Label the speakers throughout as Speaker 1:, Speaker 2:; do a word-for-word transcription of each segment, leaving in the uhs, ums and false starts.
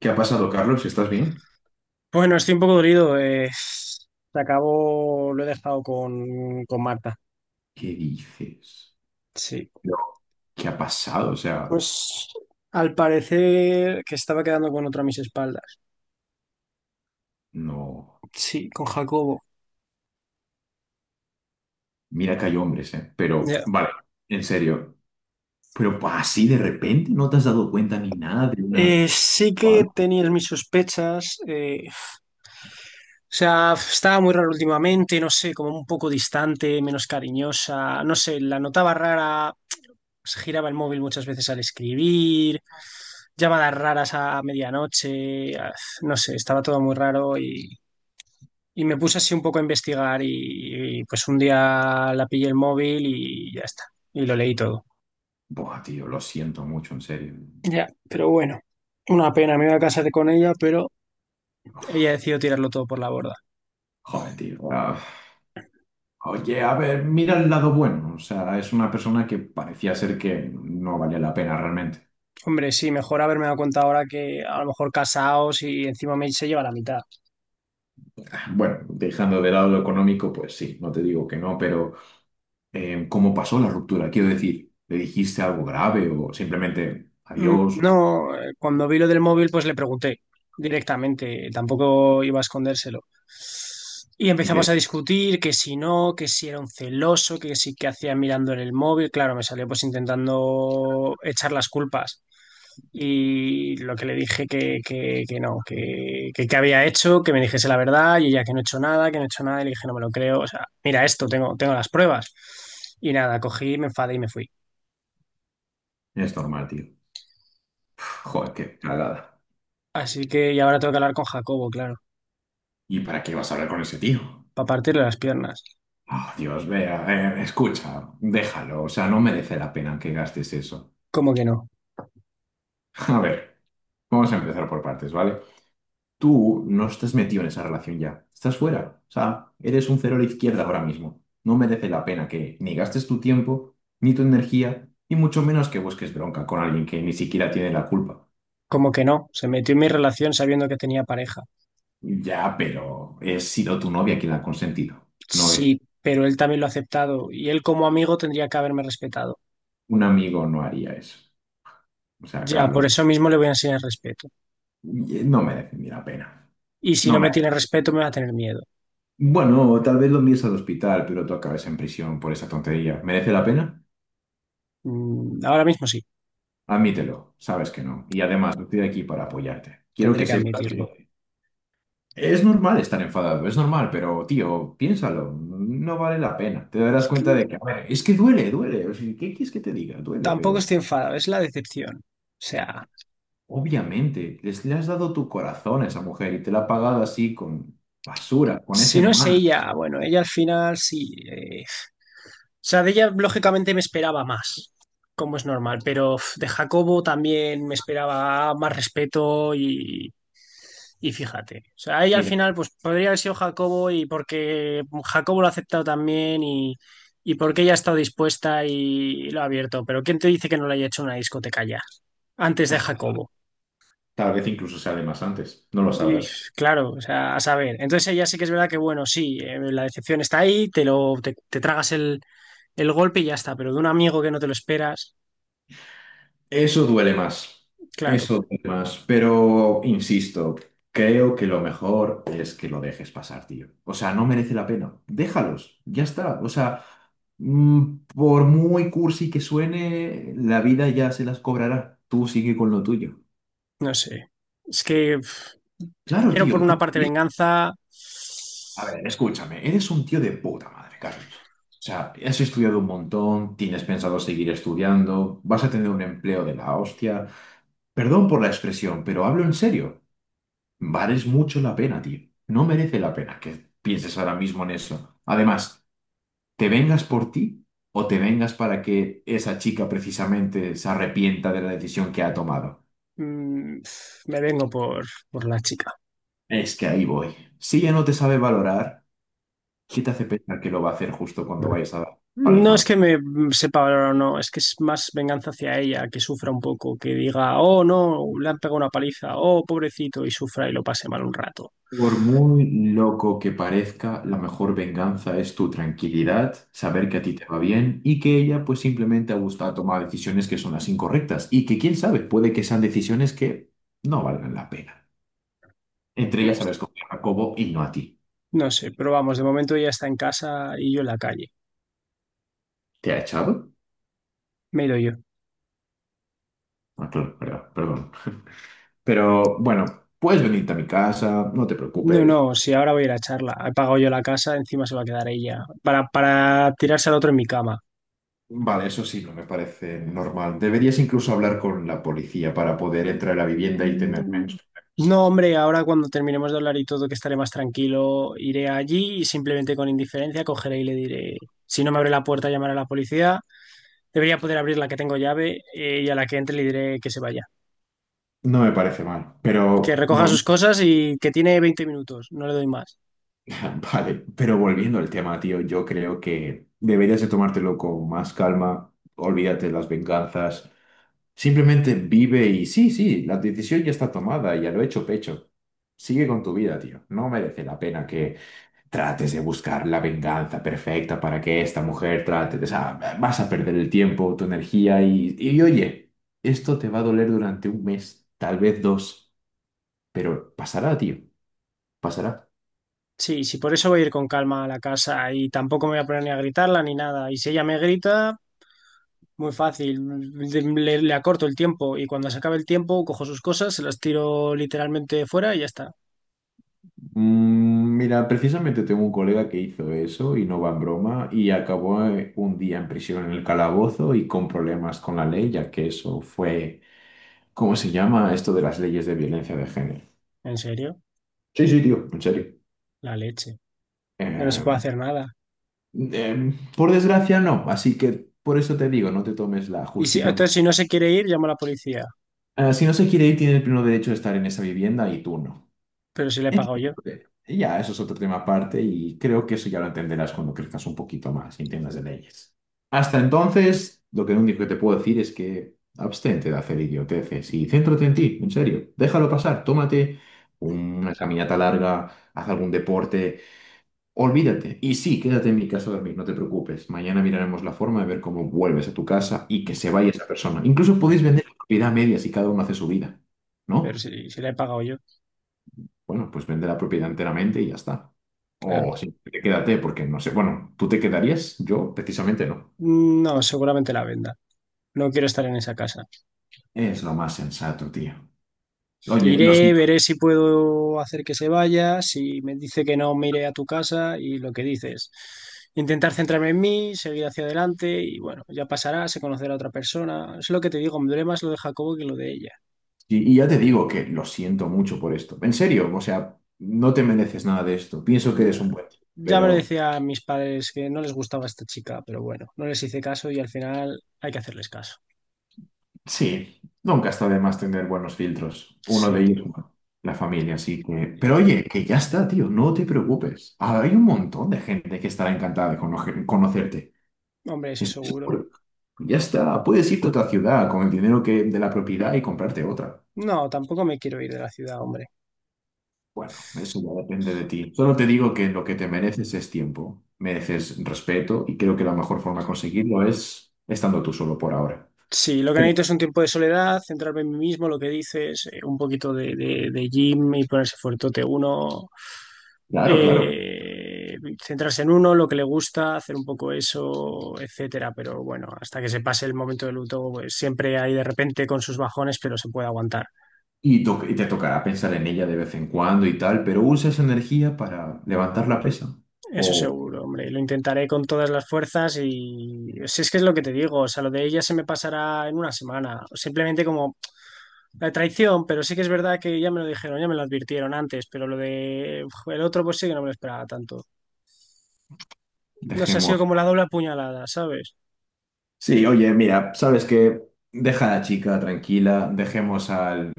Speaker 1: ¿Qué ha pasado, Carlos? ¿Estás bien?
Speaker 2: Bueno, estoy un poco dolido. Eh, se acabó, lo he dejado con, con Marta.
Speaker 1: ¿Qué dices?
Speaker 2: Sí.
Speaker 1: No. ¿Qué ha pasado? O sea,
Speaker 2: Pues al parecer que estaba quedando con otra a mis espaldas.
Speaker 1: no.
Speaker 2: Sí, con Jacobo.
Speaker 1: Mira que hay hombres, ¿eh? Pero,
Speaker 2: Ya.
Speaker 1: vale, en serio. Pero pues, así de repente no te has dado cuenta ni nada de una...
Speaker 2: Eh, sí que
Speaker 1: ¿Cuál?
Speaker 2: tenías mis sospechas. Eh, o sea, estaba muy rara últimamente, no sé, como un poco distante, menos cariñosa. No sé, la notaba rara. Se giraba el móvil muchas veces al escribir, llamadas raras a medianoche, ah, no sé, estaba todo muy raro y. Y me puse así un poco a investigar y, y, pues un día la pillé el móvil y ya está. Y lo leí todo.
Speaker 1: Buah, tío, lo siento mucho, en serio.
Speaker 2: Ya, pero bueno, una pena, me iba a casar con ella, pero ella decidió tirarlo todo por la borda.
Speaker 1: Joder, tío. Ah, Oye, a ver, mira el lado bueno. O sea, es una persona que parecía ser que no valía la pena realmente.
Speaker 2: Hombre, sí, mejor haberme dado cuenta ahora que a lo mejor casados y encima me se lleva la mitad.
Speaker 1: Bueno, dejando de lado lo económico, pues sí, no te digo que no, pero... eh, ¿cómo pasó la ruptura? Quiero decir, ¿le dijiste algo grave o simplemente
Speaker 2: Mm,
Speaker 1: adiós?
Speaker 2: no, eh, cuando vi lo del móvil, pues le pregunté directamente, tampoco iba a escondérselo. Y
Speaker 1: Y
Speaker 2: empezamos a
Speaker 1: que
Speaker 2: discutir que si no, que si era un celoso, que si que hacía mirando en el móvil. Claro, me salió pues intentando echar las culpas. Y lo que le dije que, que, que no, que, que, que había hecho, que me dijese la verdad, y ella que no he hecho nada, que no he hecho nada, y le dije, no me lo creo, o sea, mira esto, tengo, tengo las pruebas. Y nada, cogí, me enfadé y me fui.
Speaker 1: es normal, tío. Joder, qué cagada.
Speaker 2: Así que y ahora tengo que hablar con Jacobo, claro.
Speaker 1: ¿Y para qué vas a hablar con ese tío?
Speaker 2: Para partirle las piernas.
Speaker 1: Ah, Dios, vea, eh, escucha, déjalo. O sea, no merece la pena que gastes eso.
Speaker 2: ¿Cómo que no?
Speaker 1: A ver, vamos a empezar por partes, ¿vale? Tú no estás metido en esa relación ya. Estás fuera. O sea, eres un cero a la izquierda ahora mismo. No merece la pena que ni gastes tu tiempo, ni tu energía, y mucho menos que busques bronca con alguien que ni siquiera tiene la culpa.
Speaker 2: ¿Cómo que no? Se metió en mi relación sabiendo que tenía pareja.
Speaker 1: Ya, pero he sido tu novia quien la ha consentido. No, es-
Speaker 2: Sí, pero él también lo ha aceptado y él como amigo tendría que haberme respetado.
Speaker 1: un amigo no haría eso. O sea,
Speaker 2: Ya, por
Speaker 1: Carlos,
Speaker 2: eso mismo le voy a enseñar respeto.
Speaker 1: y- no merece ni la pena.
Speaker 2: Y si
Speaker 1: No
Speaker 2: no
Speaker 1: me.
Speaker 2: me tiene respeto, me va a tener miedo.
Speaker 1: Bueno, tal vez lo envíes al hospital, pero tú acabes en prisión por esa tontería. ¿Merece la pena?
Speaker 2: Mm, ahora mismo sí,
Speaker 1: Admítelo, sabes que no. Y además, estoy aquí para apoyarte. Quiero que
Speaker 2: tendré que
Speaker 1: sepas.
Speaker 2: admitirlo.
Speaker 1: Que es normal estar enfadado, es normal, pero tío, piénsalo, no vale la pena. Te darás
Speaker 2: Es que
Speaker 1: cuenta de que, a ver, es que duele, duele. O sea, ¿qué quieres que te diga? Duele,
Speaker 2: tampoco
Speaker 1: pero.
Speaker 2: estoy enfadado, es la decepción. O sea,
Speaker 1: Obviamente, les, le has dado tu corazón a esa mujer y te la ha pagado así con basura, con ese
Speaker 2: si no es
Speaker 1: mal.
Speaker 2: ella, bueno, ella al final sí, eh, sea, de ella lógicamente me esperaba más, como es normal, pero uf, de Jacobo también me esperaba más respeto y, y fíjate. O sea, ella al
Speaker 1: Mira,
Speaker 2: final pues podría haber sido Jacobo y porque Jacobo lo ha aceptado también y, y porque ella ha estado dispuesta y lo ha abierto, pero ¿quién te dice que no le haya hecho una discoteca ya? Antes de Jacobo.
Speaker 1: tal vez incluso sea de más antes, no lo
Speaker 2: Y
Speaker 1: sabrás.
Speaker 2: claro, o sea, a saber. Entonces ella sí que es verdad que, bueno, sí, eh, la decepción está ahí, te lo, te, te tragas el, el golpe y ya está, pero de un amigo que no te lo esperas,
Speaker 1: Eso duele más,
Speaker 2: claro.
Speaker 1: eso duele más, pero insisto, creo que lo mejor es que lo dejes pasar, tío. O sea, no merece la pena. Déjalos, ya está. O sea, mm, por muy cursi que suene, la vida ya se las cobrará. Tú sigue con lo tuyo.
Speaker 2: No sé. Es que pf,
Speaker 1: Claro,
Speaker 2: quiero por
Speaker 1: tío,
Speaker 2: una
Speaker 1: tú.
Speaker 2: parte venganza.
Speaker 1: A ver, escúchame, eres un tío de puta madre, Carlos. O sea, has estudiado un montón, tienes pensado seguir estudiando, vas a tener un empleo de la hostia. Perdón por la expresión, pero hablo en serio. Vales mucho la pena, tío. No merece la pena que pienses ahora mismo en eso. Además, ¿te vengas por ti o te vengas para que esa chica precisamente se arrepienta de la decisión que ha tomado?
Speaker 2: Mm, pf, me vengo por, por la chica.
Speaker 1: Es que ahí voy. Si ella no te sabe valorar, ¿qué te hace pensar que lo va a hacer justo cuando vayas a dar
Speaker 2: No es
Speaker 1: palizón?
Speaker 2: que me mm, sepa valorar o no, es que es más venganza hacia ella, que sufra un poco, que diga, oh no, le han pegado una paliza, oh pobrecito, y sufra y lo pase mal un rato.
Speaker 1: Por muy loco que parezca, la mejor venganza es tu tranquilidad, saber que a ti te va bien y que ella pues simplemente ha gustado tomar decisiones que son las incorrectas y que quién sabe, puede que sean decisiones que no valgan la pena. Entre
Speaker 2: No,
Speaker 1: ellas sabes con Jacobo y no a ti.
Speaker 2: no sé, pero vamos, de momento ella está en casa y yo en la calle.
Speaker 1: ¿Te ha echado?
Speaker 2: Me he ido yo.
Speaker 1: Ah, claro, verdad, perdón. Pero bueno, puedes venirte a mi casa, no te
Speaker 2: No,
Speaker 1: preocupes.
Speaker 2: no, si ahora voy a ir a charla. He pagado yo la casa, encima se va a quedar ella. Para, para tirarse al otro en mi cama.
Speaker 1: Vale, eso sí, no me parece normal. Deberías incluso hablar con la policía para poder entrar a la vivienda y tener menos problemas.
Speaker 2: No, hombre, ahora cuando terminemos de hablar y todo, que estaré más tranquilo, iré allí y simplemente con indiferencia cogeré y le diré, si no me abre la puerta, llamaré a la policía. Debería poder abrir la que tengo llave eh, y a la que entre le diré que se vaya.
Speaker 1: No me parece mal,
Speaker 2: Que
Speaker 1: pero
Speaker 2: recoja
Speaker 1: vol-
Speaker 2: sus cosas y que tiene veinte minutos, no le doy más.
Speaker 1: Vale, pero volviendo al tema, tío, yo creo que deberías de tomártelo con más calma, olvídate de las venganzas, simplemente vive y sí, sí, la decisión ya está tomada, ya lo he hecho pecho. Sigue con tu vida, tío. No merece la pena que trates de buscar la venganza perfecta para que esta mujer trate de... O sea, vas a perder el tiempo, tu energía y, y oye, esto te va a doler durante un mes, tal vez dos, pero pasará, tío, pasará.
Speaker 2: Sí, sí, por eso voy a ir con calma a la casa y tampoco me voy a poner ni a gritarla ni nada. Y si ella me grita, muy fácil, le, le acorto el tiempo y cuando se acabe el tiempo cojo sus cosas, se las tiro literalmente fuera y ya está.
Speaker 1: Mm, Mira, precisamente tengo un colega que hizo eso y no va en broma y acabó eh, un día en prisión en el calabozo y con problemas con la ley, ya que eso fue, ¿cómo se llama esto de las leyes de violencia de género?
Speaker 2: ¿En serio?
Speaker 1: Sí, sí, tío, en serio.
Speaker 2: La leche. Ya no se
Speaker 1: Eh,
Speaker 2: puede hacer nada.
Speaker 1: eh, por desgracia no, así que por eso te digo, no te tomes la
Speaker 2: Y si,
Speaker 1: justicia
Speaker 2: entonces,
Speaker 1: por...
Speaker 2: si no se quiere ir, llamo a la policía.
Speaker 1: Eh, si no se quiere ir, tiene el pleno derecho de estar en esa vivienda y tú no.
Speaker 2: Pero si le he pagado yo.
Speaker 1: Entonces, y ya, eso es otro tema aparte y creo que eso ya lo entenderás cuando crezcas un poquito más y entiendas de leyes. Hasta entonces, lo que lo único que te puedo decir es que abstente de hacer idioteces y céntrate en ti, en serio. Déjalo pasar, tómate una caminata larga, haz algún deporte, olvídate. Y sí, quédate en mi casa a dormir, no te preocupes. Mañana miraremos la forma de ver cómo vuelves a tu casa y que se vaya esa persona. Incluso podéis
Speaker 2: Bueno,
Speaker 1: vender la propiedad a medias y cada uno hace su vida,
Speaker 2: pero
Speaker 1: ¿no?
Speaker 2: si, si le he pagado yo,
Speaker 1: Bueno, pues vende la propiedad enteramente y ya está.
Speaker 2: claro.
Speaker 1: O Mm. Quédate, porque no sé. Bueno, ¿tú te quedarías? Yo precisamente no.
Speaker 2: Mm, no, seguramente la venda. No quiero estar en esa casa.
Speaker 1: Es lo más sensato, tío. Oye, lo
Speaker 2: Iré,
Speaker 1: siento.
Speaker 2: veré si puedo hacer que se vaya, si me dice que no, me iré a tu casa y lo que dices. Intentar centrarme en mí, seguir hacia adelante y bueno, ya pasará, se conocerá a otra persona. Es lo que te digo, me duele más lo de Jacobo que lo de ella.
Speaker 1: Y y ya te digo que lo siento mucho por esto. En serio, o sea, no te mereces nada de esto. Pienso que eres
Speaker 2: Nah,
Speaker 1: un buen tío.
Speaker 2: ya me lo
Speaker 1: Pero
Speaker 2: decía a mis padres que no les gustaba esta chica, pero bueno, no les hice caso y al final hay que hacerles caso.
Speaker 1: sí, nunca está de más tener buenos filtros. Uno de
Speaker 2: Sí,
Speaker 1: ellos, bueno, la familia, así que... Pero
Speaker 2: y-
Speaker 1: oye, que ya está, tío, no te preocupes. Hay un montón de gente que estará encantada de conocer- conocerte.
Speaker 2: hombre, eso
Speaker 1: Estoy
Speaker 2: seguro.
Speaker 1: seguro. Ya está, puedes irte a otra ciudad con el dinero que, de la propiedad y comprarte otra.
Speaker 2: No, tampoco me quiero ir de la ciudad, hombre.
Speaker 1: Bueno, eso ya depende de ti. Solo te digo que lo que te mereces es tiempo, mereces respeto y creo que la mejor forma de conseguirlo es estando tú solo por ahora.
Speaker 2: Sí, lo que
Speaker 1: Pero,
Speaker 2: necesito es un tiempo de soledad, centrarme en mí mismo, lo que dices, eh, un poquito de, de, de gym y ponerse fuertote. Uno,
Speaker 1: claro, claro.
Speaker 2: eh, centrarse en uno, lo que le gusta, hacer un poco eso, etcétera. Pero bueno, hasta que se pase el momento de luto, pues siempre hay de repente con sus bajones, pero se puede aguantar.
Speaker 1: Y, to- y te tocará pensar en ella de vez en cuando y tal, pero usa esa energía para levantar la pesa.
Speaker 2: Eso
Speaker 1: O
Speaker 2: seguro, hombre. Lo intentaré con todas las fuerzas y si es que es lo que te digo, o sea, lo de ella se me pasará en una semana. Simplemente como la traición, pero sí que es verdad que ya me lo dijeron, ya me lo advirtieron antes, pero lo de uf, el otro pues sí que no me lo esperaba tanto. No sé, ha sido
Speaker 1: dejemos...
Speaker 2: como la doble apuñalada, ¿sabes?
Speaker 1: Sí, oye, mira, ¿sabes qué? Deja a la chica tranquila, dejemos al,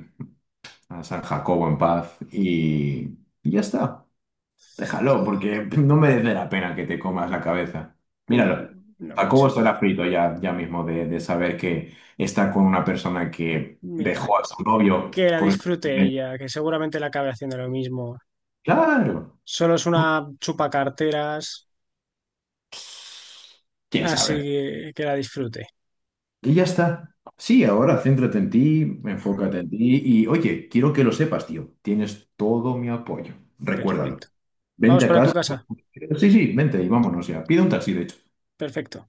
Speaker 1: a San Jacobo en paz y y ya está. Déjalo, porque no merece la pena que te comas la cabeza.
Speaker 2: No,
Speaker 1: Míralo.
Speaker 2: no
Speaker 1: Jacobo
Speaker 2: mucho.
Speaker 1: estará frito ya, ya mismo de, de saber que está con una persona que
Speaker 2: Mira,
Speaker 1: dejó a su novio
Speaker 2: que la
Speaker 1: por...
Speaker 2: disfrute
Speaker 1: escondite.
Speaker 2: ella, que seguramente la acabe haciendo lo mismo.
Speaker 1: Claro,
Speaker 2: Solo es una chupacarteras,
Speaker 1: quién
Speaker 2: así
Speaker 1: sabe.
Speaker 2: que que la disfrute.
Speaker 1: Y ya está. Sí, ahora céntrate en ti, enfócate en ti y oye, quiero que lo sepas, tío. Tienes todo mi apoyo. Recuérdalo.
Speaker 2: Perfecto.
Speaker 1: Vente
Speaker 2: Vamos
Speaker 1: a
Speaker 2: para tu
Speaker 1: casa.
Speaker 2: casa.
Speaker 1: Sí, sí, vente y vámonos ya. Pide un taxi, de hecho.
Speaker 2: Perfecto.